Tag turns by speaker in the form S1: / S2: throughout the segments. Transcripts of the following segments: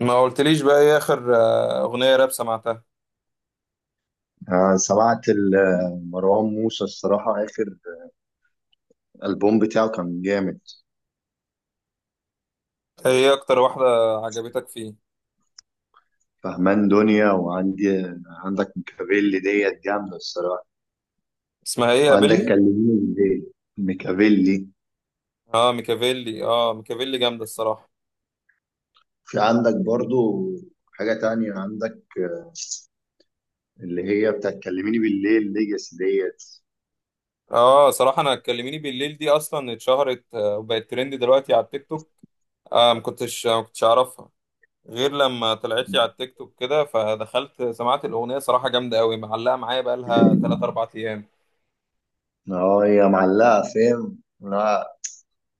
S1: ما قلتليش بقى ايه اخر اغنية راب سمعتها.
S2: آه، سمعت مروان موسى الصراحة آخر ألبوم بتاعه كان جامد.
S1: ايه اكتر واحدة عجبتك فيه؟
S2: فهمان دنيا، وعندي عندك ميكافيلي ديت جامدة الصراحة.
S1: اسمها ايه؟
S2: عندك
S1: قابلني.
S2: كلميني بالليل، ميكافيلي.
S1: اه ميكافيلي، اه ميكافيلي جامدة الصراحة.
S2: في عندك برضو حاجة تانية عندك اللي هي بتاعت كلميني بالليل، ليجاسي ديت.
S1: اه صراحة انا اتكلميني بالليل دي اصلا اتشهرت وبقت ترند دلوقتي على التيك توك. آه ما كنتش اعرفها غير لما طلعت لي على التيك توك كده، فدخلت سمعت الاغنية صراحة جامدة قوي، معلقة معايا بقى لها 3 4 ايام.
S2: اه هي معلقة، فاهم؟ لا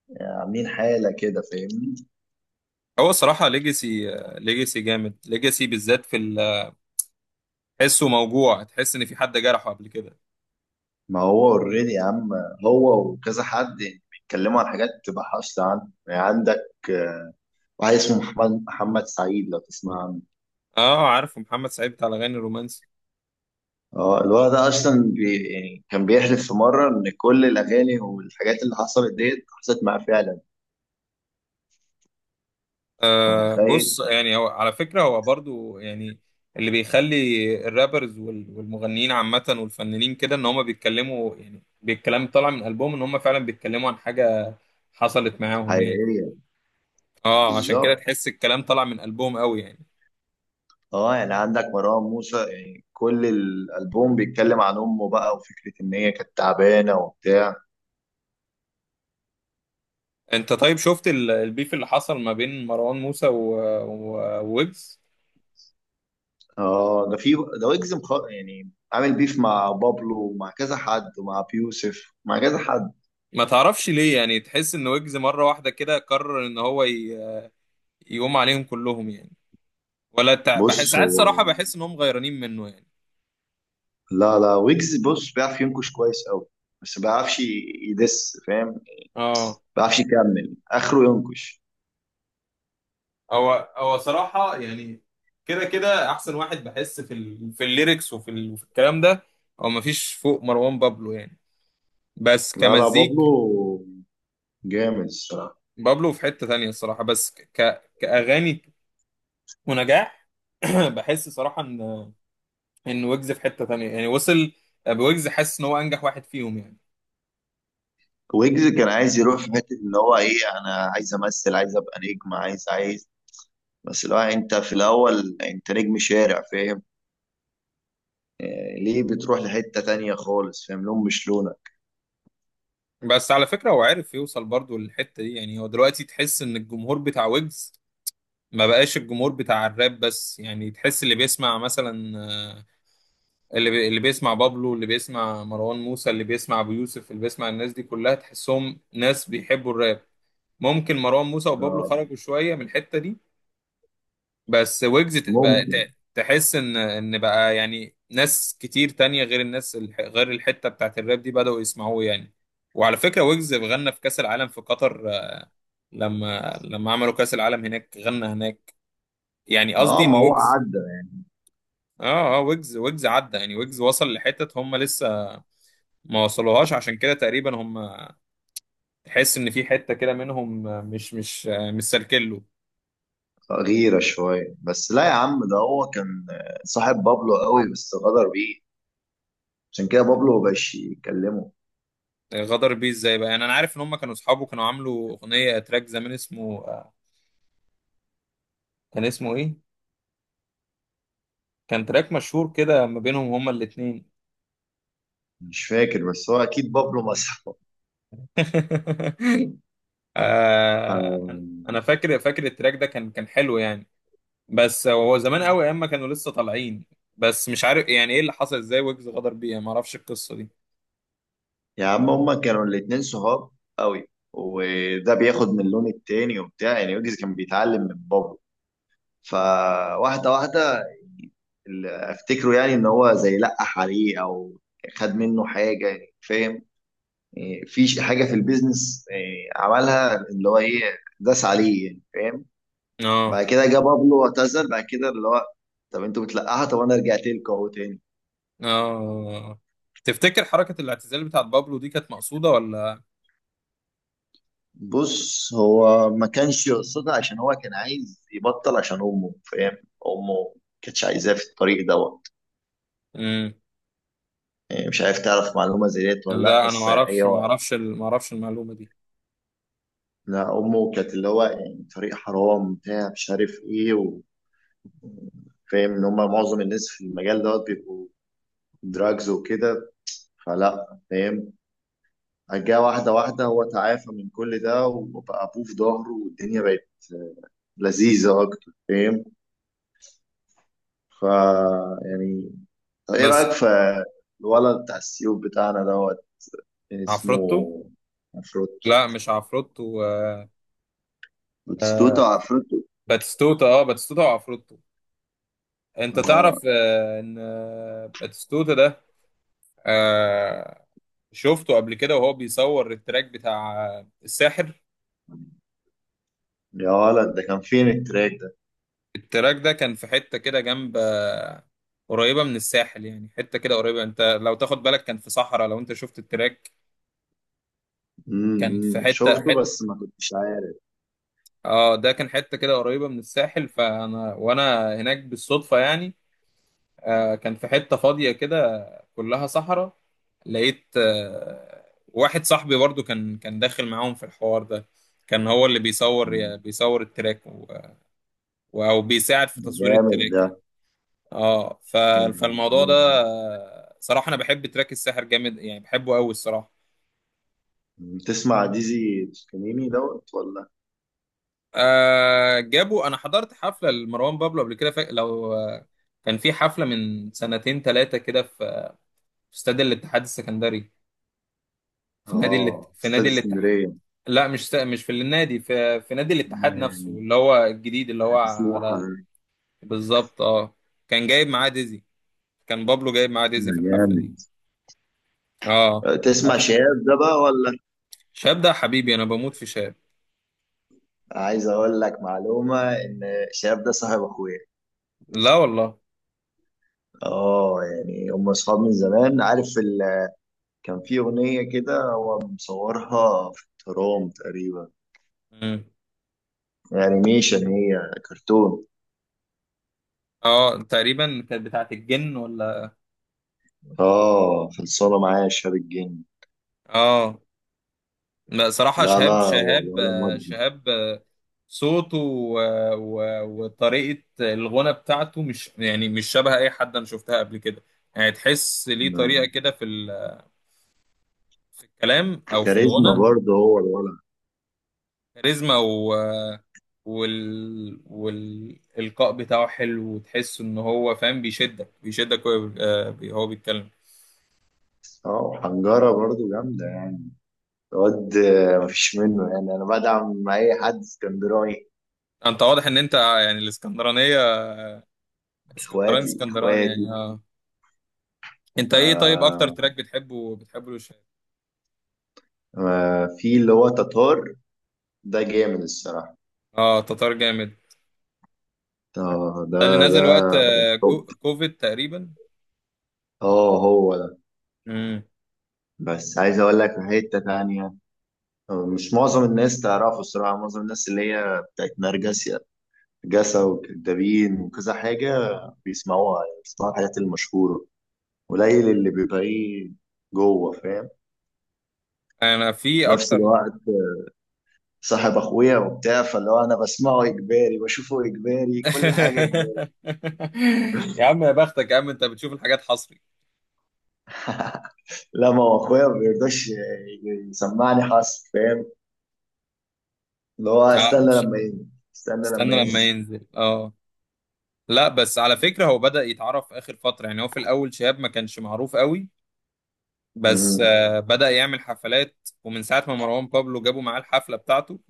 S2: يعني عاملين حالة كده، فاهمني؟
S1: هو الصراحة ليجاسي، ليجاسي جامد، ليجاسي بالذات في تحسه موجوع، تحس ان في حد جرحه قبل كده.
S2: ما هو اوريدي يا عم. هو وكذا حد يعني بيتكلموا عن حاجات تبقى حاصلة عنه. يعني عندك واحد اسمه محمد سعيد، لو تسمع عنه.
S1: اه عارف محمد سعيد بتاع الاغاني الرومانسي.
S2: اه الولد ده اصلا بي يعني كان بيحلف في مرة ان كل الاغاني والحاجات اللي حصلت ديت حصلت معاه فعلا. انت
S1: آه
S2: متخيل؟
S1: بص يعني هو على فكره هو برضو يعني. اللي بيخلي الرابرز والمغنيين عامه والفنانين كده ان هم بيتكلموا يعني بالكلام طالع من قلبهم، ان هم فعلا بيتكلموا عن حاجه حصلت معاهم يعني.
S2: حقيقية.
S1: اه عشان كده
S2: بالظبط.
S1: تحس الكلام طالع من قلبهم قوي يعني.
S2: اه يعني عندك مروان موسى، يعني كل الالبوم بيتكلم عن امه بقى وفكرة ان هي كانت تعبانة وبتاع.
S1: انت طيب شفت البيف اللي حصل ما بين مروان موسى وويجز.
S2: اه ده في. ده ويجز يعني عامل بيف مع بابلو ومع كذا حد ومع بيوسف، مع كذا حد.
S1: ما تعرفش ليه يعني تحس ان ويجز مره واحده كده قرر ان يقوم عليهم كلهم يعني؟ ولا بحس
S2: بص
S1: ساعات صراحة
S2: هو،
S1: بحس إنهم غيرانين منه يعني.
S2: لا لا ويجز بص بيعرف ينكش كويس قوي، بس ما
S1: اه
S2: بيعرفش يكمل اخره ينكش.
S1: هو صراحة يعني كده كده أحسن واحد، بحس في في الليركس وفي وفي الكلام ده هو مفيش فوق مروان بابلو يعني، بس
S2: لا لا بابلو
S1: كمزيك.
S2: جامد الصراحه.
S1: بابلو في حتة تانية الصراحة، بس كأغاني ونجاح. بحس صراحة إن ويجز في حتة تانية يعني وصل. بويجز حاسس إن هو أنجح واحد فيهم يعني.
S2: ويجز كان عايز يروح في حته ان هو ايه، انا عايز امثل، عايز ابقى نجم، عايز. بس لو انت في الاول انت نجم شارع، فاهم؟ آه، ليه بتروح لحته تانية خالص؟ فاهم؟ لون مش لونك.
S1: بس على فكرة هو عارف يوصل برضو للحتة دي يعني. هو دلوقتي تحس إن الجمهور بتاع ويجز ما بقاش الجمهور بتاع الراب بس يعني، تحس اللي بيسمع مثلا اللي بيسمع بابلو اللي بيسمع مروان موسى اللي بيسمع ابو يوسف اللي بيسمع الناس دي كلها تحسهم ناس بيحبوا الراب. ممكن مروان موسى وبابلو
S2: اه
S1: خرجوا شوية من الحتة دي، بس ويجز
S2: ممكن.
S1: تحس ان بقى يعني ناس كتير تانية غير غير الحتة بتاعت الراب دي بدأوا يسمعوه يعني. وعلى فكرة ويجز غنى في كأس العالم في قطر، لما عملوا كأس العالم هناك غنى هناك. يعني قصدي
S2: اه
S1: ان
S2: ما هو
S1: ويجز،
S2: عدى.
S1: اه، اه، ويجز عدى يعني، ويجز وصل لحتت هم لسه ما وصلوهاش. عشان كده تقريبا هم تحس ان في حتة كده منهم مش سالكله.
S2: غيرة شوية. بس لا يا عم، ده هو كان صاحب بابلو قوي بس غدر بيه، عشان كده بابلو مبقاش يكلمه.
S1: غدر بيه ازاي بقى يعني؟ انا عارف ان هم كانوا اصحابه، كانوا عاملوا اغنية تراك زمان اسمه، كان اسمه ايه؟ كان تراك مشهور كده ما بينهم هما الاتنين.
S2: مش فاكر، بس هو أكيد بابلو مسحه.
S1: آه، انا
S2: آم،
S1: فاكر التراك ده كان حلو يعني، بس هو زمان قوي ايام ما كانوا لسه طالعين. بس مش عارف يعني ايه اللي حصل، ازاي ويجز غدر بيه يعني؟ ما اعرفش القصة دي.
S2: يا عم هما كانوا الاتنين صحاب قوي، وده بياخد من اللون التاني وبتاع، يعني يوجز كان بيتعلم من بابلو، فواحدة واحدة اللي أفتكره يعني إن هو زي لقح عليه أو خد منه حاجة يعني، فاهم؟ إيه، في حاجه في البيزنس إيه، عملها اللي هو ايه، داس عليه يعني، فاهم؟
S1: اه،
S2: بعد كده جه بابلو اعتذر بعد كده، اللي هو طب انتوا بتلقحوا، طب انا رجعت لكم اهو تاني.
S1: اه، تفتكر حركة الاعتزال بتاعت بابلو دي كانت مقصودة ولا؟
S2: بص هو ما كانش يقصدها عشان هو كان عايز يبطل عشان امه، فاهم؟ امه ما كانتش عايزاه في الطريق دوت.
S1: مم.
S2: إيه، مش عارف تعرف معلومه زي ديت ولا لا،
S1: لا انا
S2: بس ايوه.
S1: ما اعرفش المعلومة دي.
S2: لا امه كانت اللي هو يعني طريق حرام بتاع مش عارف ايه، وفاهم ان هم معظم الناس في المجال دوت بيبقوا دراجز وكده، فلا فاهم. جه واحدة واحدة هو تعافى من كل ده وبقى أبوه في ظهره والدنيا بقت لذيذة أكتر، فاهم؟ فا يعني. طب إيه
S1: بس
S2: رأيك في الولد بتاع السيوف بتاعنا دوت؟ كان
S1: عفروتو.
S2: اسمه عفروتو.
S1: لا مش عفروتو،
S2: بتستوتا، عفروتو.
S1: باتستوتا، اه باتستوتا وعفروتو. انت
S2: آه.
S1: تعرف ان باتستوتا ده، آه، شفته قبل كده وهو بيصور التراك بتاع الساحر؟
S2: يا ولد ده كان فين التراك ده؟
S1: التراك ده كان في حتة كده جنب قريبة من الساحل يعني، حتة كده قريبة، انت لو تاخد بالك كان في صحراء لو انت شفت التراك. كان في حته
S2: شفته
S1: حته
S2: بس ما كنتش عارف.
S1: اه ده كان حته كده قريبه من الساحل، فانا وانا هناك بالصدفه يعني. آه كان في حته فاضيه كده كلها صحراء. لقيت آه واحد صاحبي برضو كان داخل معاهم في الحوار ده، كان هو اللي
S2: مم.
S1: بيصور التراك او بيساعد في
S2: ده
S1: تصوير
S2: جامد
S1: التراك
S2: ده.
S1: يعني. اه فالموضوع ده،
S2: مم.
S1: صراحه انا بحب تراك الساحر جامد يعني، بحبه قوي الصراحه.
S2: مم. تسمع ديزي توسكانيني دوت ولا؟
S1: آه جابوا، انا حضرت حفله لمروان بابلو قبل كده، لو كان في حفله من سنتين ثلاثه كده في استاد الاتحاد السكندري، في
S2: اه
S1: في
S2: استاذ
S1: نادي الاتحاد.
S2: اسكندرية.
S1: لا مش في النادي، في نادي الاتحاد نفسه
S2: مم.
S1: اللي هو الجديد اللي هو
S2: سموحة
S1: على.
S2: يعني.
S1: بالظبط اه، كان جايب معاه ديزي، كان بابلو جايب معاه
S2: ده
S1: ديزي في الحفله دي.
S2: جامد.
S1: اه،
S2: تسمع
S1: اه،
S2: شهاب ده بقى ولا؟
S1: شاب ده حبيبي، انا بموت في شاب.
S2: عايز اقول لك معلومة ان شهاب ده صاحب اخويا.
S1: لا والله.
S2: اه يعني هم اصحاب من زمان، عارف ال... كان في اغنية كده هو مصورها في الترام تقريبا،
S1: مم.
S2: انيميشن، هي كرتون.
S1: اه تقريبا كانت بتاعت الجن ولا؟
S2: اه خلصانة معايا، شهاب الجن.
S1: اه. لا، صراحة
S2: لا
S1: شهاب
S2: لا هو
S1: شهاب
S2: الولا مودي.
S1: شهاب صوته وطريقة الغنى بتاعته مش يعني مش شبه أي حد أنا شفتها قبل كده. يعني تحس ليه طريقة
S2: م-
S1: كده في في الكلام أو في
S2: كاريزما
S1: الغنى.
S2: برضه هو الولد.
S1: كاريزما و وال والإلقاء بتاعه حلو، وتحس إن هو فاهم، بيشدك وهو هو بيتكلم.
S2: اه حنجرة برضه جامدة يعني. الواد مفيش منه يعني. انا بدعم اي حد اسكندراني.
S1: أنت واضح إن أنت يعني الإسكندرانية، اسكندراني،
S2: اخواتي،
S1: اسكندراني
S2: اخواتي.
S1: يعني آه. أنت إيه طيب أكتر
S2: آه.
S1: تراك بتحبه لشهاب؟
S2: آه في اللي هو تتار، ده جامد الصراحة.
S1: آه تتار جامد.
S2: آه ده.
S1: ده اللي
S2: ده
S1: نزل وقت
S2: توب.
S1: كوفيد تقريبا.
S2: اه هو ده.
S1: امم.
S2: بس عايز اقول لك في حتة تانية. آه، مش معظم الناس تعرفه الصراحة. معظم الناس اللي هي بتاعت نرجسيا، نرجسة، وكدابين، وكذا حاجة، بيسمعوها. يعني بيسمعوا الحاجات المشهورة. قليل اللي بيبقى ايه، جوه، فاهم؟
S1: انا
S2: في
S1: في
S2: نفس
S1: اكتر.
S2: الوقت صاحب اخويا وبتاع، فاللي هو انا بسمعه اجباري، بشوفه اجباري كل حاجة.
S1: يا عم يا بختك، يا عم انت بتشوف الحاجات حصري.
S2: لا ما هو اخويا ما بيرضاش يسمعني حصر، فاهم؟ اللي هو
S1: اه
S2: استنى
S1: مش،
S2: لما ينزل. استنى لما
S1: استنى لما
S2: ينزل.
S1: ينزل. اه لا، بس على فكرة هو بدأ يتعرف آخر فترة يعني. هو في الأول شهاب ما كانش معروف قوي، بس
S2: مم.
S1: بدأ يعمل حفلات. ومن ساعة ما مروان بابلو جابوا معاه الحفلة بتاعته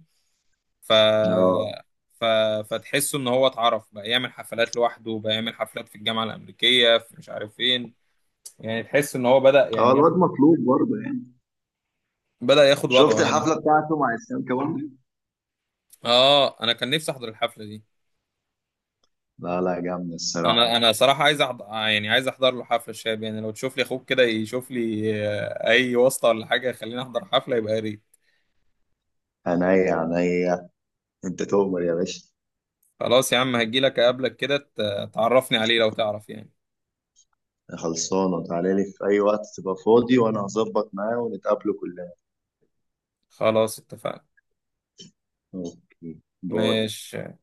S1: ف...
S2: اه.
S1: ف... فتحسه إن هو اتعرف، بقى يعمل حفلات لوحده، بقى يعمل حفلات في الجامعة الأمريكية، في مش عارف فين. يعني تحس ان هو بدأ
S2: اه
S1: يعني
S2: الواد
S1: ياخد،
S2: مطلوب برضه يعني.
S1: بدأ ياخد
S2: شفت
S1: وضعه يعني.
S2: الحفله بتاعته مع اسلام كمان؟
S1: اه، انا كان نفسي احضر الحفلة دي.
S2: لا لا جامد
S1: انا
S2: الصراحة.
S1: انا صراحة عايز احضر يعني، عايز احضر له حفلة الشاب يعني. لو تشوف لي اخوك كده، يشوف لي اي واسطة ولا حاجة يخليني احضر حفلة، يبقى يا ريت.
S2: عينيا، عينيا. انت تؤمر يا باشا.
S1: خلاص يا عم هجيلك اقابلك كده، تعرفني عليه لو تعرف يعني.
S2: خلصانة، تعالى لي في أي وقت تبقى فاضي وأنا هظبط معاه ونتقابله كلنا.
S1: خلاص اتفقنا.
S2: اوكي، باي.
S1: ماشي.